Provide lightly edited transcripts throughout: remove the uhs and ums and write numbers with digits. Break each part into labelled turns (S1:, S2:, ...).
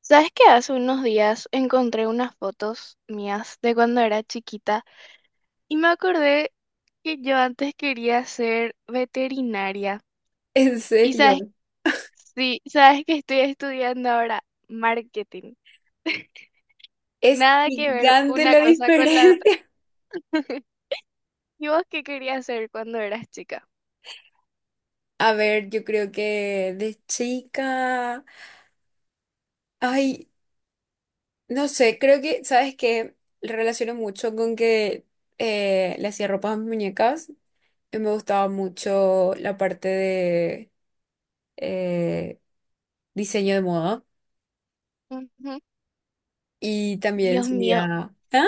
S1: ¿Sabes qué? Hace unos días encontré unas fotos mías de cuando era chiquita y me acordé que yo antes quería ser veterinaria.
S2: En
S1: Y sabes,
S2: serio,
S1: sí, sabes que estoy estudiando ahora marketing.
S2: es
S1: Nada que ver
S2: gigante
S1: una
S2: la
S1: cosa con la otra.
S2: diferencia.
S1: ¿Y vos qué querías ser cuando eras chica?
S2: A ver, yo creo que de chica, ay, no sé, creo que, ¿sabes qué? Relaciono mucho con que le hacía ropa a mis muñecas. Y me gustaba mucho la parte de eh, diseño de moda
S1: Ujú.
S2: y también
S1: Dios mío,
S2: solía. ¿Ah?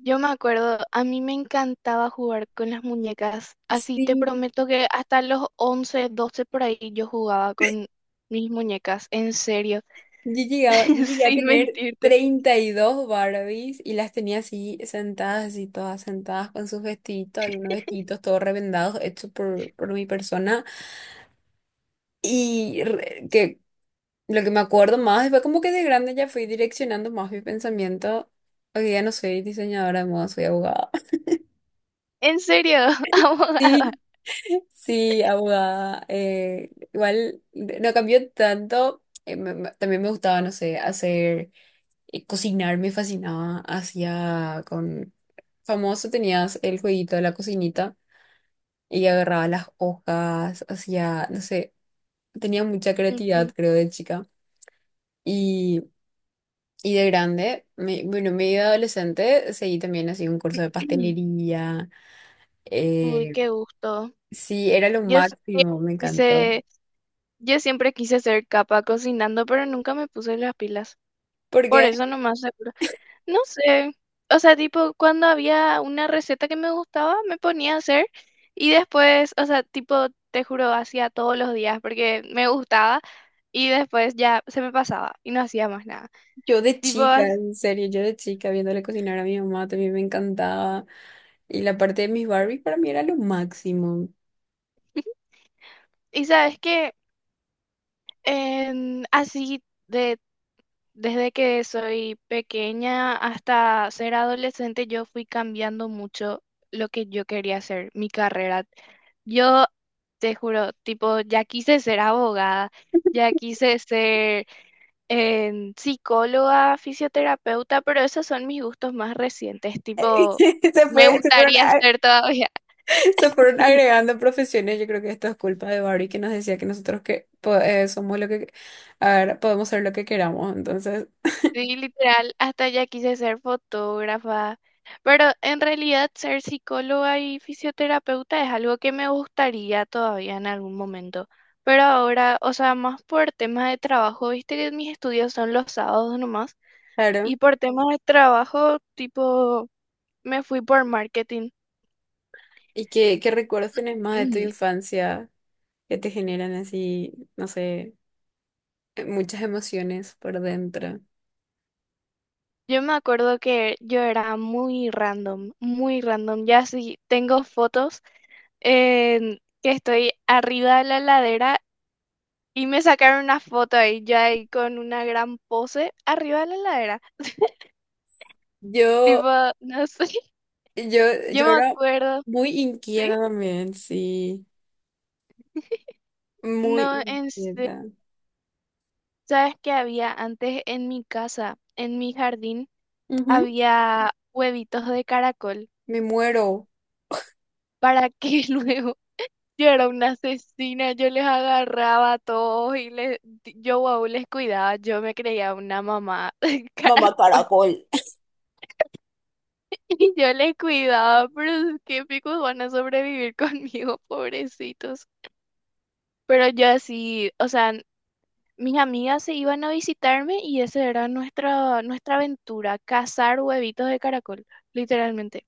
S1: yo me acuerdo, a mí me encantaba jugar con las muñecas. Así te
S2: Sí.
S1: prometo que hasta los 11, 12 por ahí yo jugaba con mis muñecas, en serio,
S2: Yo llegué a
S1: sin
S2: tener
S1: mentirte.
S2: 32 Barbies y las tenía así sentadas, así todas sentadas con sus vestiditos, algunos vestiditos todos revendados, hechos por mi persona. Y que lo que me acuerdo más fue como que de grande ya fui direccionando más mi pensamiento. Hoy día no soy diseñadora de moda, soy abogada.
S1: En serio, abogada.
S2: Sí, sí, abogada. Igual no cambió tanto. También me gustaba, no sé, hacer cocinar me fascinaba. Hacía con Famoso tenías el jueguito de la cocinita y agarraba las hojas, hacía, no sé, tenía mucha
S1: Ujú.
S2: creatividad, creo, de chica. Y, y de grande, bueno, medio adolescente, seguí también así un curso de pastelería.
S1: Uy,
S2: eh,
S1: qué gusto.
S2: sí, era lo
S1: Yo siempre
S2: máximo, me encantó.
S1: quise, yo siempre quise ser capa cocinando, pero nunca me puse las pilas.
S2: Porque
S1: Por eso nomás seguro. No sé, o sea, tipo, cuando había una receta que me gustaba, me ponía a hacer y después, o sea, tipo, te juro, hacía todos los días porque me gustaba y después ya se me pasaba y no hacía más nada.
S2: yo de
S1: Tipo,
S2: chica,
S1: as-
S2: en serio, yo de chica, viéndole cocinar a mi mamá, también me encantaba. Y la parte de mis Barbies para mí era lo máximo.
S1: y sabes que así de desde que soy pequeña hasta ser adolescente, yo fui cambiando mucho lo que yo quería hacer, mi carrera. Yo te juro, tipo, ya quise ser abogada, ya quise ser psicóloga, fisioterapeuta, pero esos son mis gustos más recientes, tipo,
S2: Se
S1: me
S2: fue, se fueron,
S1: gustaría
S2: a-
S1: ser todavía.
S2: Se fueron agregando profesiones. Yo creo que esto es culpa de Barry que nos decía que nosotros somos lo que a ver, podemos ser lo que queramos. Entonces,
S1: Sí, literal, hasta ya quise ser fotógrafa, pero en realidad ser psicóloga y fisioterapeuta es algo que me gustaría todavía en algún momento, pero ahora, o sea, más por temas de trabajo, viste que mis estudios son los sábados nomás,
S2: claro.
S1: y por temas de trabajo, tipo, me fui por marketing.
S2: ¿Y qué recuerdos tenés más de tu
S1: Ujú.
S2: infancia que te generan así, no sé, muchas emociones por dentro?
S1: Yo me acuerdo que yo era muy random, ya sí, tengo fotos en que estoy arriba de la ladera y me sacaron una foto ahí, ya ahí con una gran pose arriba de la heladera.
S2: Yo,
S1: Tipo, no sé,
S2: yo,
S1: yo
S2: yo
S1: me
S2: era
S1: acuerdo,
S2: muy
S1: ¿sí?
S2: inquieta también, sí. Muy
S1: No, en serio,
S2: inquieta.
S1: ¿sabes qué había antes en mi casa, en mi jardín?
S2: Ujú.
S1: Había huevitos de caracol
S2: Me muero.
S1: para que luego yo era una asesina, yo les agarraba a todos y les, yo wow, les cuidaba, yo me creía una mamá
S2: Mamá
S1: caracol.
S2: caracol.
S1: Y yo le cuidaba, pero es que picos van a sobrevivir conmigo, pobrecitos. Pero yo así, o sea, mis amigas se iban a visitarme y esa era nuestra aventura, cazar huevitos de caracol, literalmente.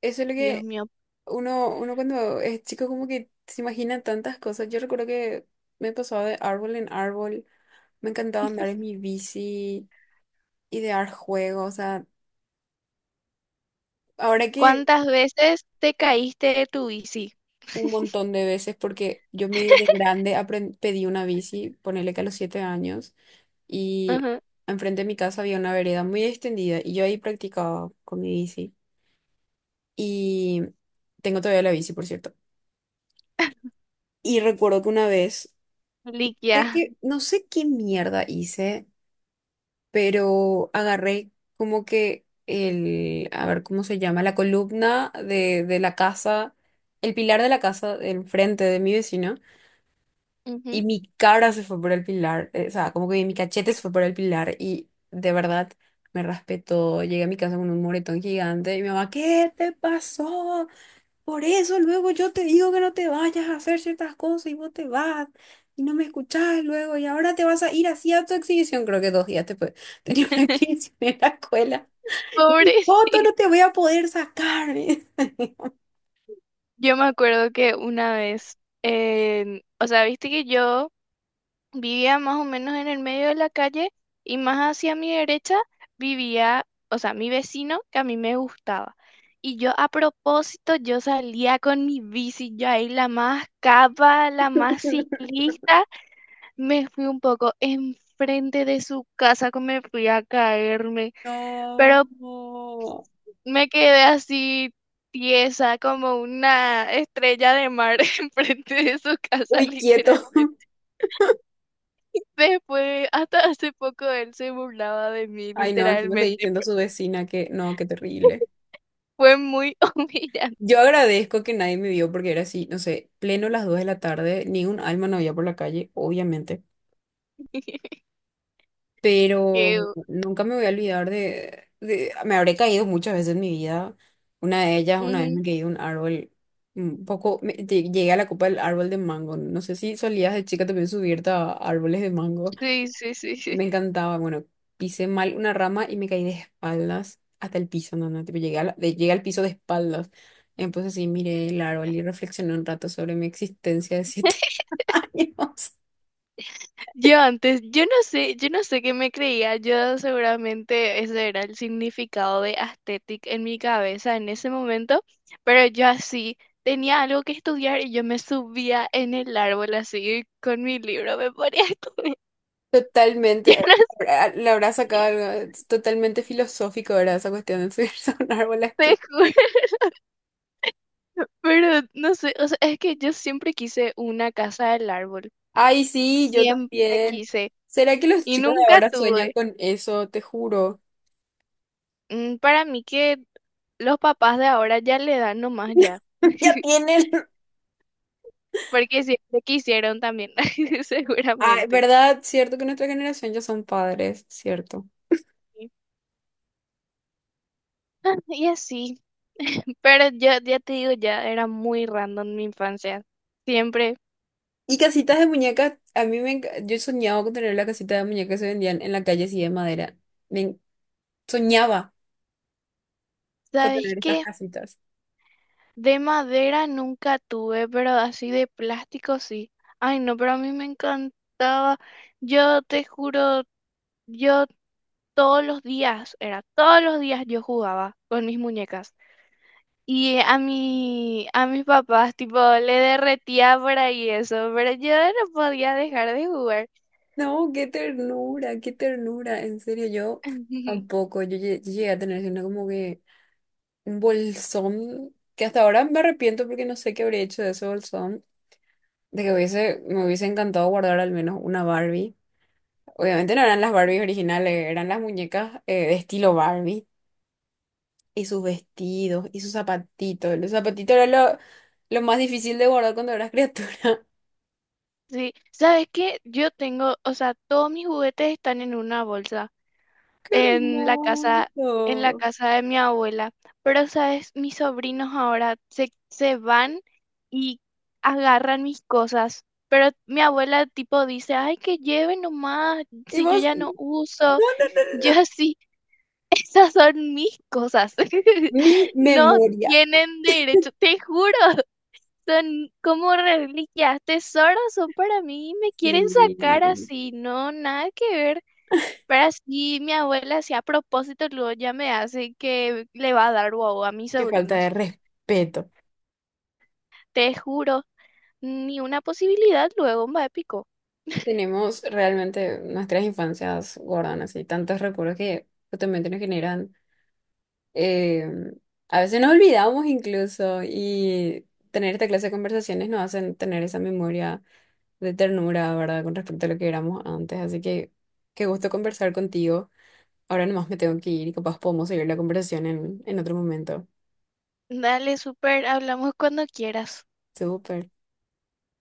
S2: Eso es lo
S1: Dios
S2: que
S1: mío,
S2: Uno cuando es chico como que se imagina tantas cosas. Yo recuerdo que me pasaba de árbol en árbol, me encantaba andar en mi bici, idear juegos, o sea, ahora que
S1: ¿cuántas veces te caíste de tu bici?
S2: un montón de veces, porque yo medio de grande pedí una bici, ponele que a los 7 años, y
S1: Ajá,
S2: enfrente de mi casa había una vereda muy extendida y yo ahí practicaba con mi bici. Y tengo todavía la bici, por cierto. Y recuerdo que una vez, sé
S1: Liquia.
S2: que, no sé qué mierda hice, pero agarré como que a ver cómo se llama, la columna de la casa, el pilar de la casa del frente de mi vecino, y
S1: Ujú.
S2: mi cara se fue por el pilar, o sea, como que mi cachete se fue por el pilar, y de verdad me raspé todo, llegué a mi casa con un moretón gigante, y mi mamá, ¿qué te pasó? Por eso luego yo te digo que no te vayas a hacer ciertas cosas y vos te vas y no me escuchás luego y ahora te vas a ir así a tu exhibición, creo que 2 días después tenía una exhibición en la escuela. Mi foto
S1: Pobrecito.
S2: no te voy a poder sacar, me dice.
S1: Yo me acuerdo que una vez, o sea, viste que yo vivía más o menos en el medio de la calle y más hacia mi derecha vivía, o sea, mi vecino que a mí me gustaba. Y yo a propósito, yo salía con mi bici, yo ahí la más capa, la más ciclista, me fui un poco enfrente de su casa, que me fui a caerme, pero
S2: No.
S1: me quedé así tiesa como una estrella de mar enfrente de su casa,
S2: Muy quieto.
S1: literalmente. Después, hasta hace poco él se burlaba de mí,
S2: Ay, no, encima seguí
S1: literalmente.
S2: diciendo a su vecina que no, qué terrible.
S1: Fue muy humillante.
S2: Yo agradezco que nadie me vio porque era así, no sé, pleno las 2 de la tarde, ni un alma no había por la calle, obviamente.
S1: Qué
S2: Pero
S1: u-
S2: nunca me voy a olvidar Me habré caído muchas veces en mi vida. Una de ellas, una vez
S1: Ujú.
S2: me caí de un árbol, un poco, llegué a la copa del árbol de mango. No sé si solías de chica también subirte a árboles de mango.
S1: Sí, sí, sí, sí.
S2: Me encantaba, bueno, pisé mal una rama y me caí de espaldas hasta el piso, no, no, tipo, llegué, llegué al piso de espaldas. Entonces sí, miré el árbol y reflexioné un rato sobre mi existencia de 7 años.
S1: Yo antes, yo no sé qué me creía. Yo seguramente ese era el significado de aesthetic en mi cabeza en ese momento, pero yo así tenía algo que estudiar y yo me subía en el árbol así con mi libro, me ponía a estudiar.
S2: Totalmente.
S1: Yo no
S2: Le habrá sacado
S1: sé,
S2: algo totalmente filosófico, ¿verdad? Esa cuestión de subirse a un árbol a
S1: te
S2: estudiar.
S1: juro. Pero no sé, o sea, es que yo siempre quise una casa del árbol,
S2: Ay, sí, yo
S1: siempre
S2: también.
S1: quise
S2: ¿Será que los
S1: y
S2: chicos de
S1: nunca
S2: ahora sueñan
S1: tuve.
S2: con eso? Te juro.
S1: Mm, para mí que los papás de ahora ya le dan nomás ya,
S2: Ya tienen.
S1: porque siempre quisieron también,
S2: Ay,
S1: seguramente.
S2: ¿verdad? Cierto que nuestra generación ya son padres, cierto.
S1: Ah, y así, pero yo ya te digo, ya era muy random mi infancia, siempre.
S2: Y casitas de muñecas, a mí Yo soñaba con tener la casita de muñecas que se vendían en la calle así de madera. Me en- Soñaba con
S1: ¿Sabes
S2: tener esas
S1: qué?
S2: casitas.
S1: De madera nunca tuve, pero así de plástico sí. Ay, no, pero a mí me encantaba. Yo te juro, yo todos los días, era todos los días yo jugaba con mis muñecas. Y a mi, a mis papás, tipo, le derretía por ahí eso, pero yo no podía dejar de jugar.
S2: No, qué ternura, qué ternura. En serio, yo tampoco. Yo llegué a tener así una como que un bolsón que hasta ahora me arrepiento porque no sé qué habría hecho de ese bolsón. De que hubiese, me hubiese encantado guardar al menos una Barbie. Obviamente no eran las Barbies originales, eran las muñecas de estilo Barbie. Y sus vestidos, y sus zapatitos. Los zapatitos eran lo más difícil de guardar cuando eras criatura.
S1: Sí, ¿sabes qué? Yo tengo, o sea, todos mis juguetes están en una bolsa,
S2: ¡Qué
S1: en la casa, en la
S2: hermoso!
S1: casa de mi abuela. Pero, ¿sabes? Mis sobrinos ahora se van y agarran mis cosas. Pero mi abuela tipo dice, ay, que lleven nomás,
S2: Y
S1: si yo
S2: vos,
S1: ya
S2: no,
S1: no uso.
S2: no, no, no.
S1: Yo así, esas son mis cosas.
S2: Mi
S1: No
S2: memoria.
S1: tienen derecho, te juro, son como reliquias, tesoros son para mí me quieren sacar
S2: Sí.
S1: así. No, nada que ver. Pero así mi abuela, si a propósito, luego ya me hace que le va a dar guau a mis
S2: Qué falta
S1: sobrinos.
S2: de respeto.
S1: Te juro, ni una posibilidad luego, va épico.
S2: Tenemos realmente nuestras infancias guardan así tantos recuerdos que justamente nos generan. eh, a veces nos olvidamos incluso y tener esta clase de conversaciones nos hacen tener esa memoria de ternura, ¿verdad? Con respecto a lo que éramos antes. Así que qué gusto conversar contigo. Ahora nomás me tengo que ir y capaz podemos seguir la conversación en otro momento.
S1: Dale, súper, hablamos cuando quieras.
S2: Súper.